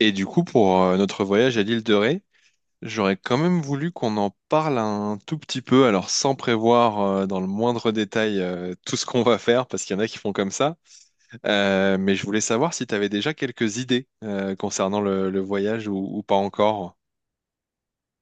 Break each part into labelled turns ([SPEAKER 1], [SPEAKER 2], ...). [SPEAKER 1] Et du coup, pour notre voyage à l'île de Ré, j'aurais quand même voulu qu'on en parle un tout petit peu, alors sans prévoir dans le moindre détail tout ce qu'on va faire, parce qu'il y en a qui font comme ça. Mais je voulais savoir si tu avais déjà quelques idées concernant le voyage ou pas encore.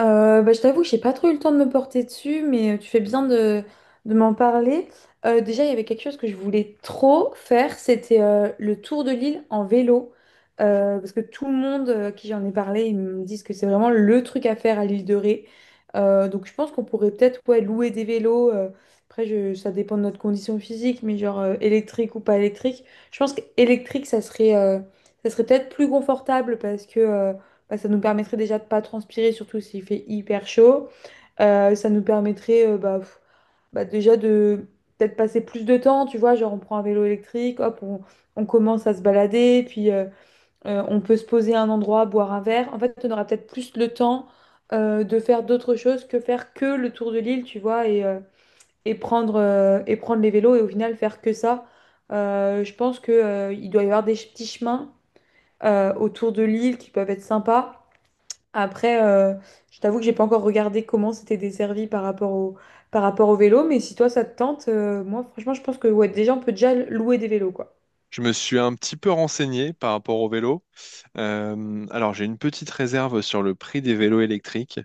[SPEAKER 2] Je t'avoue que j'ai pas trop eu le temps de me porter dessus, mais tu fais bien de m'en parler. Déjà, il y avait quelque chose que je voulais trop faire, c'était le tour de l'île en vélo. Parce que tout le monde à qui j'en ai parlé, ils me disent que c'est vraiment le truc à faire à l'île de Ré. Donc je pense qu'on pourrait peut-être ouais, louer des vélos. Après, ça dépend de notre condition physique, mais genre électrique ou pas électrique. Je pense qu'électrique, ça serait peut-être plus confortable parce que ça nous permettrait déjà de pas transpirer, surtout s'il fait hyper chaud. Ça nous permettrait déjà de peut-être passer plus de temps, tu vois, genre on prend un vélo électrique, hop, on commence à se balader, puis on peut se poser à un endroit, boire un verre. En fait, on aura peut-être plus le temps de faire d'autres choses que faire que le tour de l'île, tu vois, et et prendre les vélos et au final faire que ça. Je pense que il doit y avoir des petits chemins autour de l'île qui peuvent être sympas. Après, euh, je t'avoue que j'ai pas encore regardé comment c'était desservi par rapport au vélo, mais si toi ça te tente, moi franchement je pense que ouais, déjà on peut déjà louer des vélos quoi.
[SPEAKER 1] Je me suis un petit peu renseigné par rapport au vélo. Alors, j'ai une petite réserve sur le prix des vélos électriques,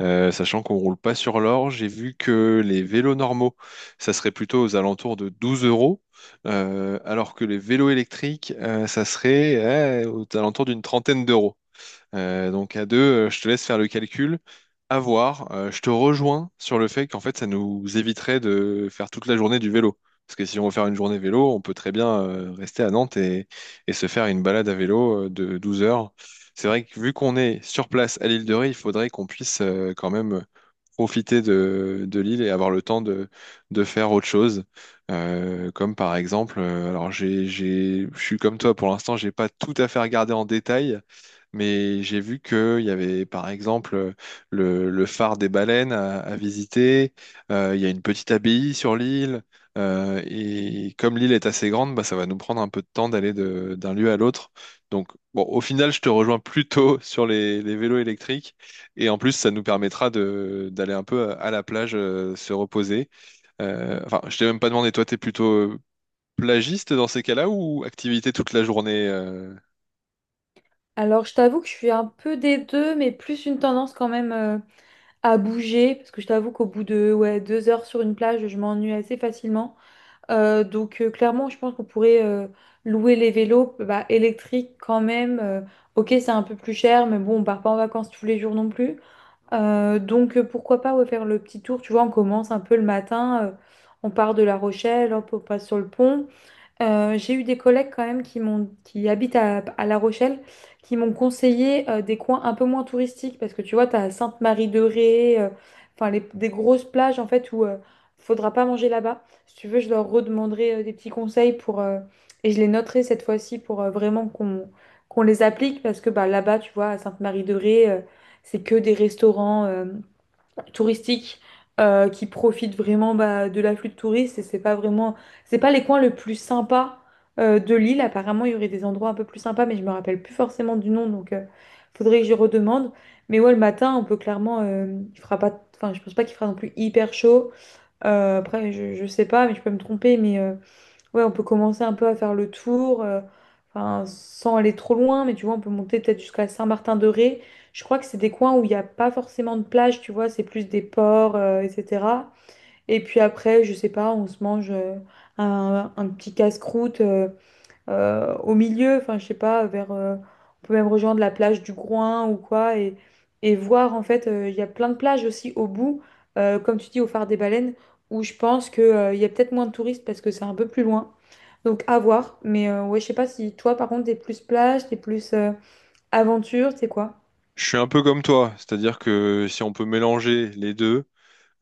[SPEAKER 1] sachant qu'on roule pas sur l'or. J'ai vu que les vélos normaux, ça serait plutôt aux alentours de 12 euros, alors que les vélos électriques, ça serait aux alentours d'une trentaine d'euros. Donc à deux, je te laisse faire le calcul. À voir. Je te rejoins sur le fait qu'en fait, ça nous éviterait de faire toute la journée du vélo. Parce que si on veut faire une journée vélo, on peut très bien rester à Nantes et se faire une balade à vélo de 12 heures. C'est vrai que vu qu'on est sur place à l'île de Ré, il faudrait qu'on puisse quand même profiter de l'île et avoir le temps de faire autre chose. Comme par exemple, alors je suis comme toi, pour l'instant, j'ai pas tout à fait regardé en détail, mais j'ai vu qu'il y avait, par exemple, le phare des baleines à visiter. Il y a une petite abbaye sur l'île. Et comme l'île est assez grande, bah, ça va nous prendre un peu de temps d'aller d'un lieu à l'autre. Donc, bon, au final, je te rejoins plutôt sur les vélos électriques. Et en plus, ça nous permettra d'aller un peu à la plage, se reposer. Enfin, je t'ai même pas demandé, toi, t'es plutôt plagiste dans ces cas-là ou activité toute la journée?
[SPEAKER 2] Alors, je t'avoue que je suis un peu des deux, mais plus une tendance quand même à bouger, parce que je t'avoue qu'au bout de ouais, 2 heures sur une plage, je m'ennuie assez facilement. Donc clairement, je pense qu'on pourrait louer les vélos bah, électriques quand même. Ok, c'est un peu plus cher, mais bon, on part pas en vacances tous les jours non plus. Donc pourquoi pas ouais, faire le petit tour, tu vois, on commence un peu le matin, on part de La Rochelle, hop, on passe sur le pont, j'ai eu des collègues quand même qui habitent à La Rochelle, qui m'ont conseillé des coins un peu moins touristiques parce que tu vois, tu as Sainte-Marie-de-Ré, enfin des grosses plages en fait où faudra pas manger là-bas. Si tu veux, je leur redemanderai des petits conseils pour et je les noterai cette fois-ci pour vraiment qu'on les applique parce que bah là-bas, tu vois, à Sainte-Marie-de-Ré, c'est que des restaurants. Touristique qui profite vraiment bah, de l'afflux de touristes et c'est pas les coins le plus sympa de l'île, apparemment il y aurait des endroits un peu plus sympas mais je me rappelle plus forcément du nom faudrait que j'y redemande. Mais ouais le matin on peut clairement il fera pas, enfin je pense pas qu'il fera non plus hyper chaud. Je sais pas mais je peux me tromper mais ouais, on peut commencer un peu à faire le tour, enfin, sans aller trop loin, mais tu vois, on peut monter peut-être jusqu'à Saint-Martin-de-Ré. Je crois que c'est des coins où il n'y a pas forcément de plage, tu vois, c'est plus des ports, etc. Et puis après, je sais pas, on se mange un petit casse-croûte. Au milieu, enfin je sais pas, on peut même rejoindre la plage du Groin ou quoi, et voir en fait, il y a plein de plages aussi au bout, comme tu dis, au phare des baleines, où je pense que il y a peut-être moins de touristes parce que c'est un peu plus loin. Donc à voir, mais ouais, je sais pas si toi par contre t'es plus plage, t'es plus aventure, t'es quoi?
[SPEAKER 1] Je suis un peu comme toi, c'est-à-dire que si on peut mélanger les deux,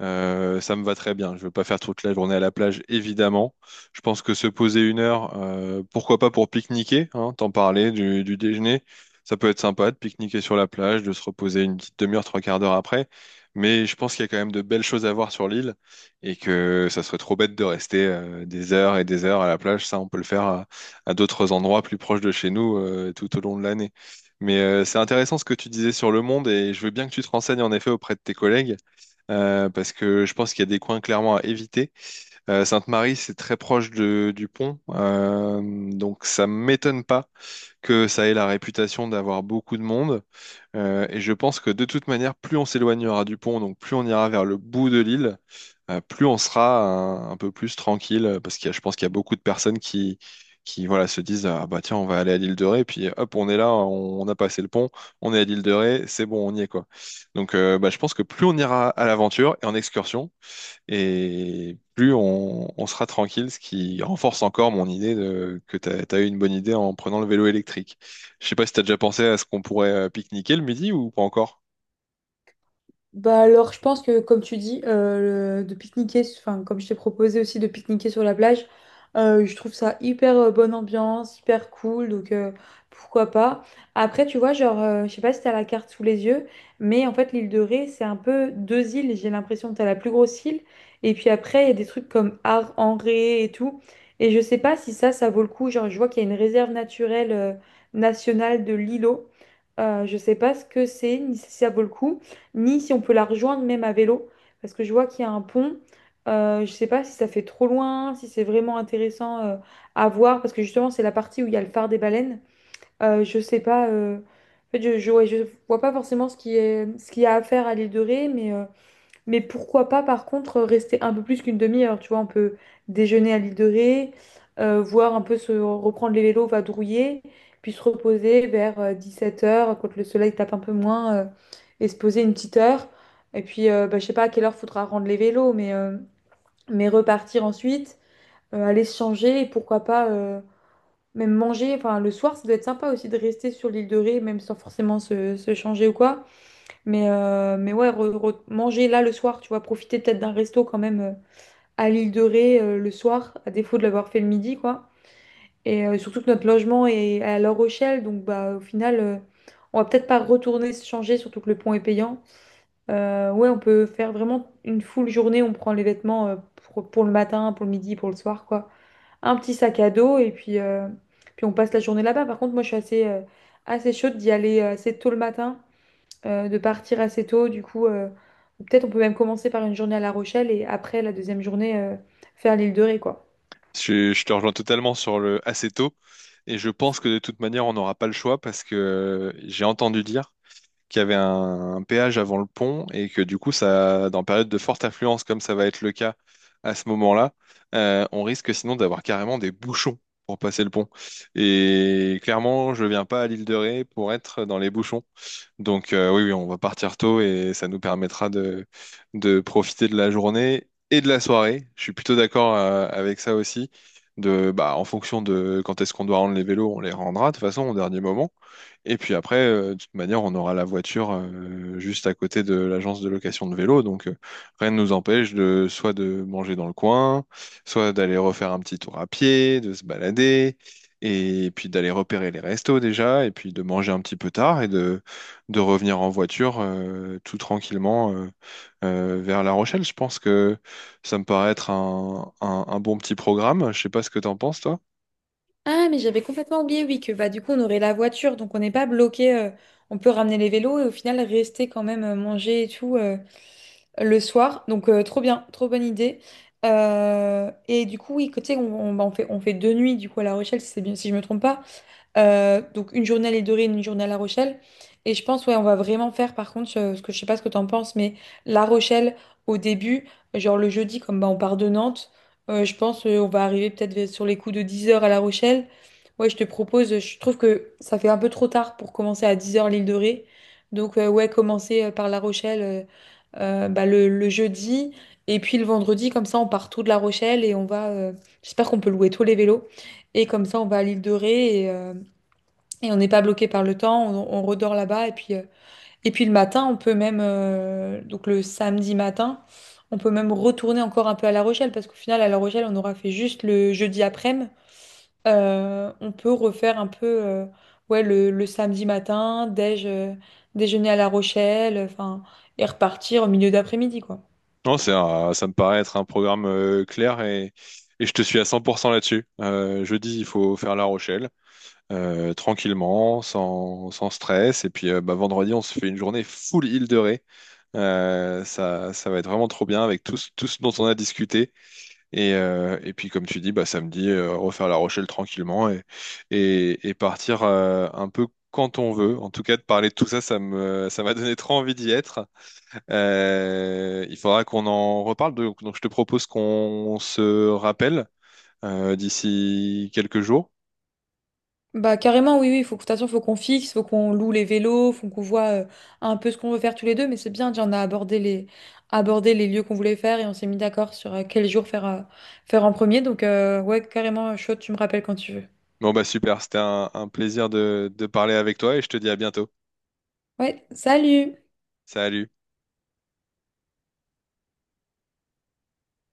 [SPEAKER 1] ça me va très bien. Je veux pas faire toute la journée à la plage, évidemment. Je pense que se poser 1 heure, pourquoi pas pour pique-niquer, hein, t'en parlais du déjeuner. Ça peut être sympa de pique-niquer sur la plage, de se reposer une petite demi-heure, trois quarts d'heure après. Mais je pense qu'il y a quand même de belles choses à voir sur l'île et que ça serait trop bête de rester des heures et des heures à la plage. Ça, on peut le faire à d'autres endroits plus proches de chez nous tout au long de l'année. Mais c'est intéressant ce que tu disais sur le monde et je veux bien que tu te renseignes en effet auprès de tes collègues parce que je pense qu'il y a des coins clairement à éviter. Sainte-Marie, c'est très proche du pont, donc ça m'étonne pas que ça ait la réputation d'avoir beaucoup de monde. Et je pense que de toute manière, plus on s'éloignera du pont, donc plus on ira vers le bout de l'île, plus on sera un peu plus tranquille, parce que je pense qu'il y a beaucoup de personnes qui voilà, se disent, ah bah tiens, on va aller à l'île de Ré, puis hop, on est là, on a passé le pont, on est à l'île de Ré, c'est bon, on y est quoi. Donc bah, je pense que plus on ira à l'aventure et en excursion, et plus on sera tranquille, ce qui renforce encore mon idée que t'as eu une bonne idée en prenant le vélo électrique. Je sais pas si t'as déjà pensé à ce qu'on pourrait pique-niquer le midi ou pas encore.
[SPEAKER 2] Bah alors, je pense que comme tu dis, de pique-niquer, enfin comme je t'ai proposé aussi de pique-niquer sur la plage, je trouve ça hyper bonne ambiance, hyper cool, donc pourquoi pas. Après, tu vois, je sais pas si t'as la carte sous les yeux, mais en fait l'île de Ré, c'est un peu deux îles. J'ai l'impression que t'as la plus grosse île, et puis après il y a des trucs comme Ar en Ré et tout. Et je sais pas si ça vaut le coup. Genre, je vois qu'il y a une réserve naturelle nationale de l'îlot. Je sais pas ce que c'est, ni si ça vaut le coup, ni si on peut la rejoindre même à vélo, parce que je vois qu'il y a un pont. Je sais pas si ça fait trop loin, si c'est vraiment intéressant à voir, parce que justement c'est la partie où il y a le phare des baleines. Je sais pas, en fait, je, ouais, je vois pas forcément ce qui est, ce qu'il y a à faire à l'île de Ré, mais pourquoi pas, par contre, rester un peu plus qu'une demi-heure, tu vois, on peut déjeuner à l'île de Ré, voir un peu se reprendre les vélos, vadrouiller, puis se reposer vers 17 heures quand le soleil tape un peu moins, et se poser une petite heure. Et puis je sais pas à quelle heure faudra rendre les vélos, mais mais repartir ensuite, aller se changer, et pourquoi pas même manger. Enfin, le soir, ça doit être sympa aussi de rester sur l'île de Ré, même sans forcément se changer ou quoi. Mais ouais, manger là le soir, tu vois, profiter peut-être d'un resto quand même à l'île de Ré le soir, à défaut de l'avoir fait le midi, quoi. Et surtout que notre logement est à La Rochelle, donc bah au final, on va peut-être pas retourner se changer, surtout que le pont est payant. Ouais, on peut faire vraiment une full journée, on prend les vêtements pour le matin, pour le midi, pour le soir, quoi. Un petit sac à dos et puis on passe la journée là-bas. Par contre, moi je suis assez chaude d'y aller assez tôt le matin de partir assez tôt. Du coup, peut-être on peut même commencer par une journée à La Rochelle et après la deuxième journée faire l'île de Ré, quoi.
[SPEAKER 1] Je te rejoins totalement sur le assez tôt, et je pense que de toute manière on n'aura pas le choix parce que j'ai entendu dire qu'il y avait un péage avant le pont et que du coup, ça, dans période de forte affluence, comme ça va être le cas à ce moment-là, on risque sinon d'avoir carrément des bouchons pour passer le pont. Et clairement, je viens pas à l'île de Ré pour être dans les bouchons. Donc oui, oui, on va partir tôt et ça nous permettra de profiter de la journée et de la soirée. Je suis plutôt d'accord avec ça aussi. Bah, en fonction de quand est-ce qu'on doit rendre les vélos, on les rendra de toute façon au dernier moment. Et puis après, de toute manière, on aura la voiture juste à côté de l'agence de location de vélos. Donc rien ne nous empêche de soit de manger dans le coin, soit d'aller refaire un petit tour à pied, de se balader, et puis d'aller repérer les restos déjà, et puis de manger un petit peu tard et de revenir en voiture tout tranquillement vers La Rochelle. Je pense que ça me paraît être un bon petit programme. Je sais pas ce que t'en penses, toi.
[SPEAKER 2] Ah, mais j'avais complètement oublié, oui, que bah, du coup, on aurait la voiture, donc on n'est pas bloqué. On peut ramener les vélos et au final rester quand même manger et tout le soir. Donc, trop bien, trop bonne idée. Et du coup, oui, côté, on fait deux nuits du coup à La Rochelle, si, c'est bien, si je me trompe pas. Donc une journée à l'île de, une journée à La Rochelle. Et je pense, ouais, on va vraiment faire par contre, ce que je sais pas ce que t'en penses, mais La Rochelle au début, genre le jeudi, comme bah, on part de Nantes, je pense on va arriver peut-être sur les coups de 10 heures à La Rochelle. Ouais, je te propose, je trouve que ça fait un peu trop tard pour commencer à 10 heures l'île de Ré. Donc ouais, commencer par La Rochelle bah, le jeudi. Et puis le vendredi, comme ça, on part tout de La Rochelle et on va. J'espère qu'on peut louer tous les vélos. Et comme ça, on va à l'île de Ré. Et on n'est pas bloqué par le temps, on redort là-bas. Et puis et puis le matin, on peut même, donc le samedi matin, on peut même retourner encore un peu à La Rochelle, parce qu'au final, à La Rochelle, on aura fait juste le jeudi après-midi. On peut refaire un peu ouais, le samedi matin, déjeuner à La Rochelle, enfin, et repartir au milieu d'après-midi, quoi.
[SPEAKER 1] Non, ça me paraît être un programme clair et je te suis à 100% là-dessus. Jeudi, il faut faire La Rochelle tranquillement, sans stress. Et puis bah, vendredi, on se fait une journée full île de Ré. Ça, ça va être vraiment trop bien avec tout, tout ce dont on a discuté. Et puis, comme tu dis, bah, samedi, refaire La Rochelle tranquillement et partir un peu quand on veut. En tout cas, de parler de tout ça, ça m'a donné trop envie d'y être. Il faudra qu'on en reparle. Donc, je te propose qu'on se rappelle d'ici quelques jours.
[SPEAKER 2] Bah carrément oui oui, il faut que de toute façon, faut qu'on fixe, faut qu'on loue les vélos, faut qu'on voit un peu ce qu'on veut faire tous les deux, mais c'est bien, déjà on a abordé les lieux qu'on voulait faire et on s'est mis d'accord sur quel jour faire en premier. Donc ouais, carrément chaud, tu me rappelles quand tu veux.
[SPEAKER 1] Bon, bah super, c'était un plaisir de parler avec toi et je te dis à bientôt.
[SPEAKER 2] Ouais, salut!
[SPEAKER 1] Salut.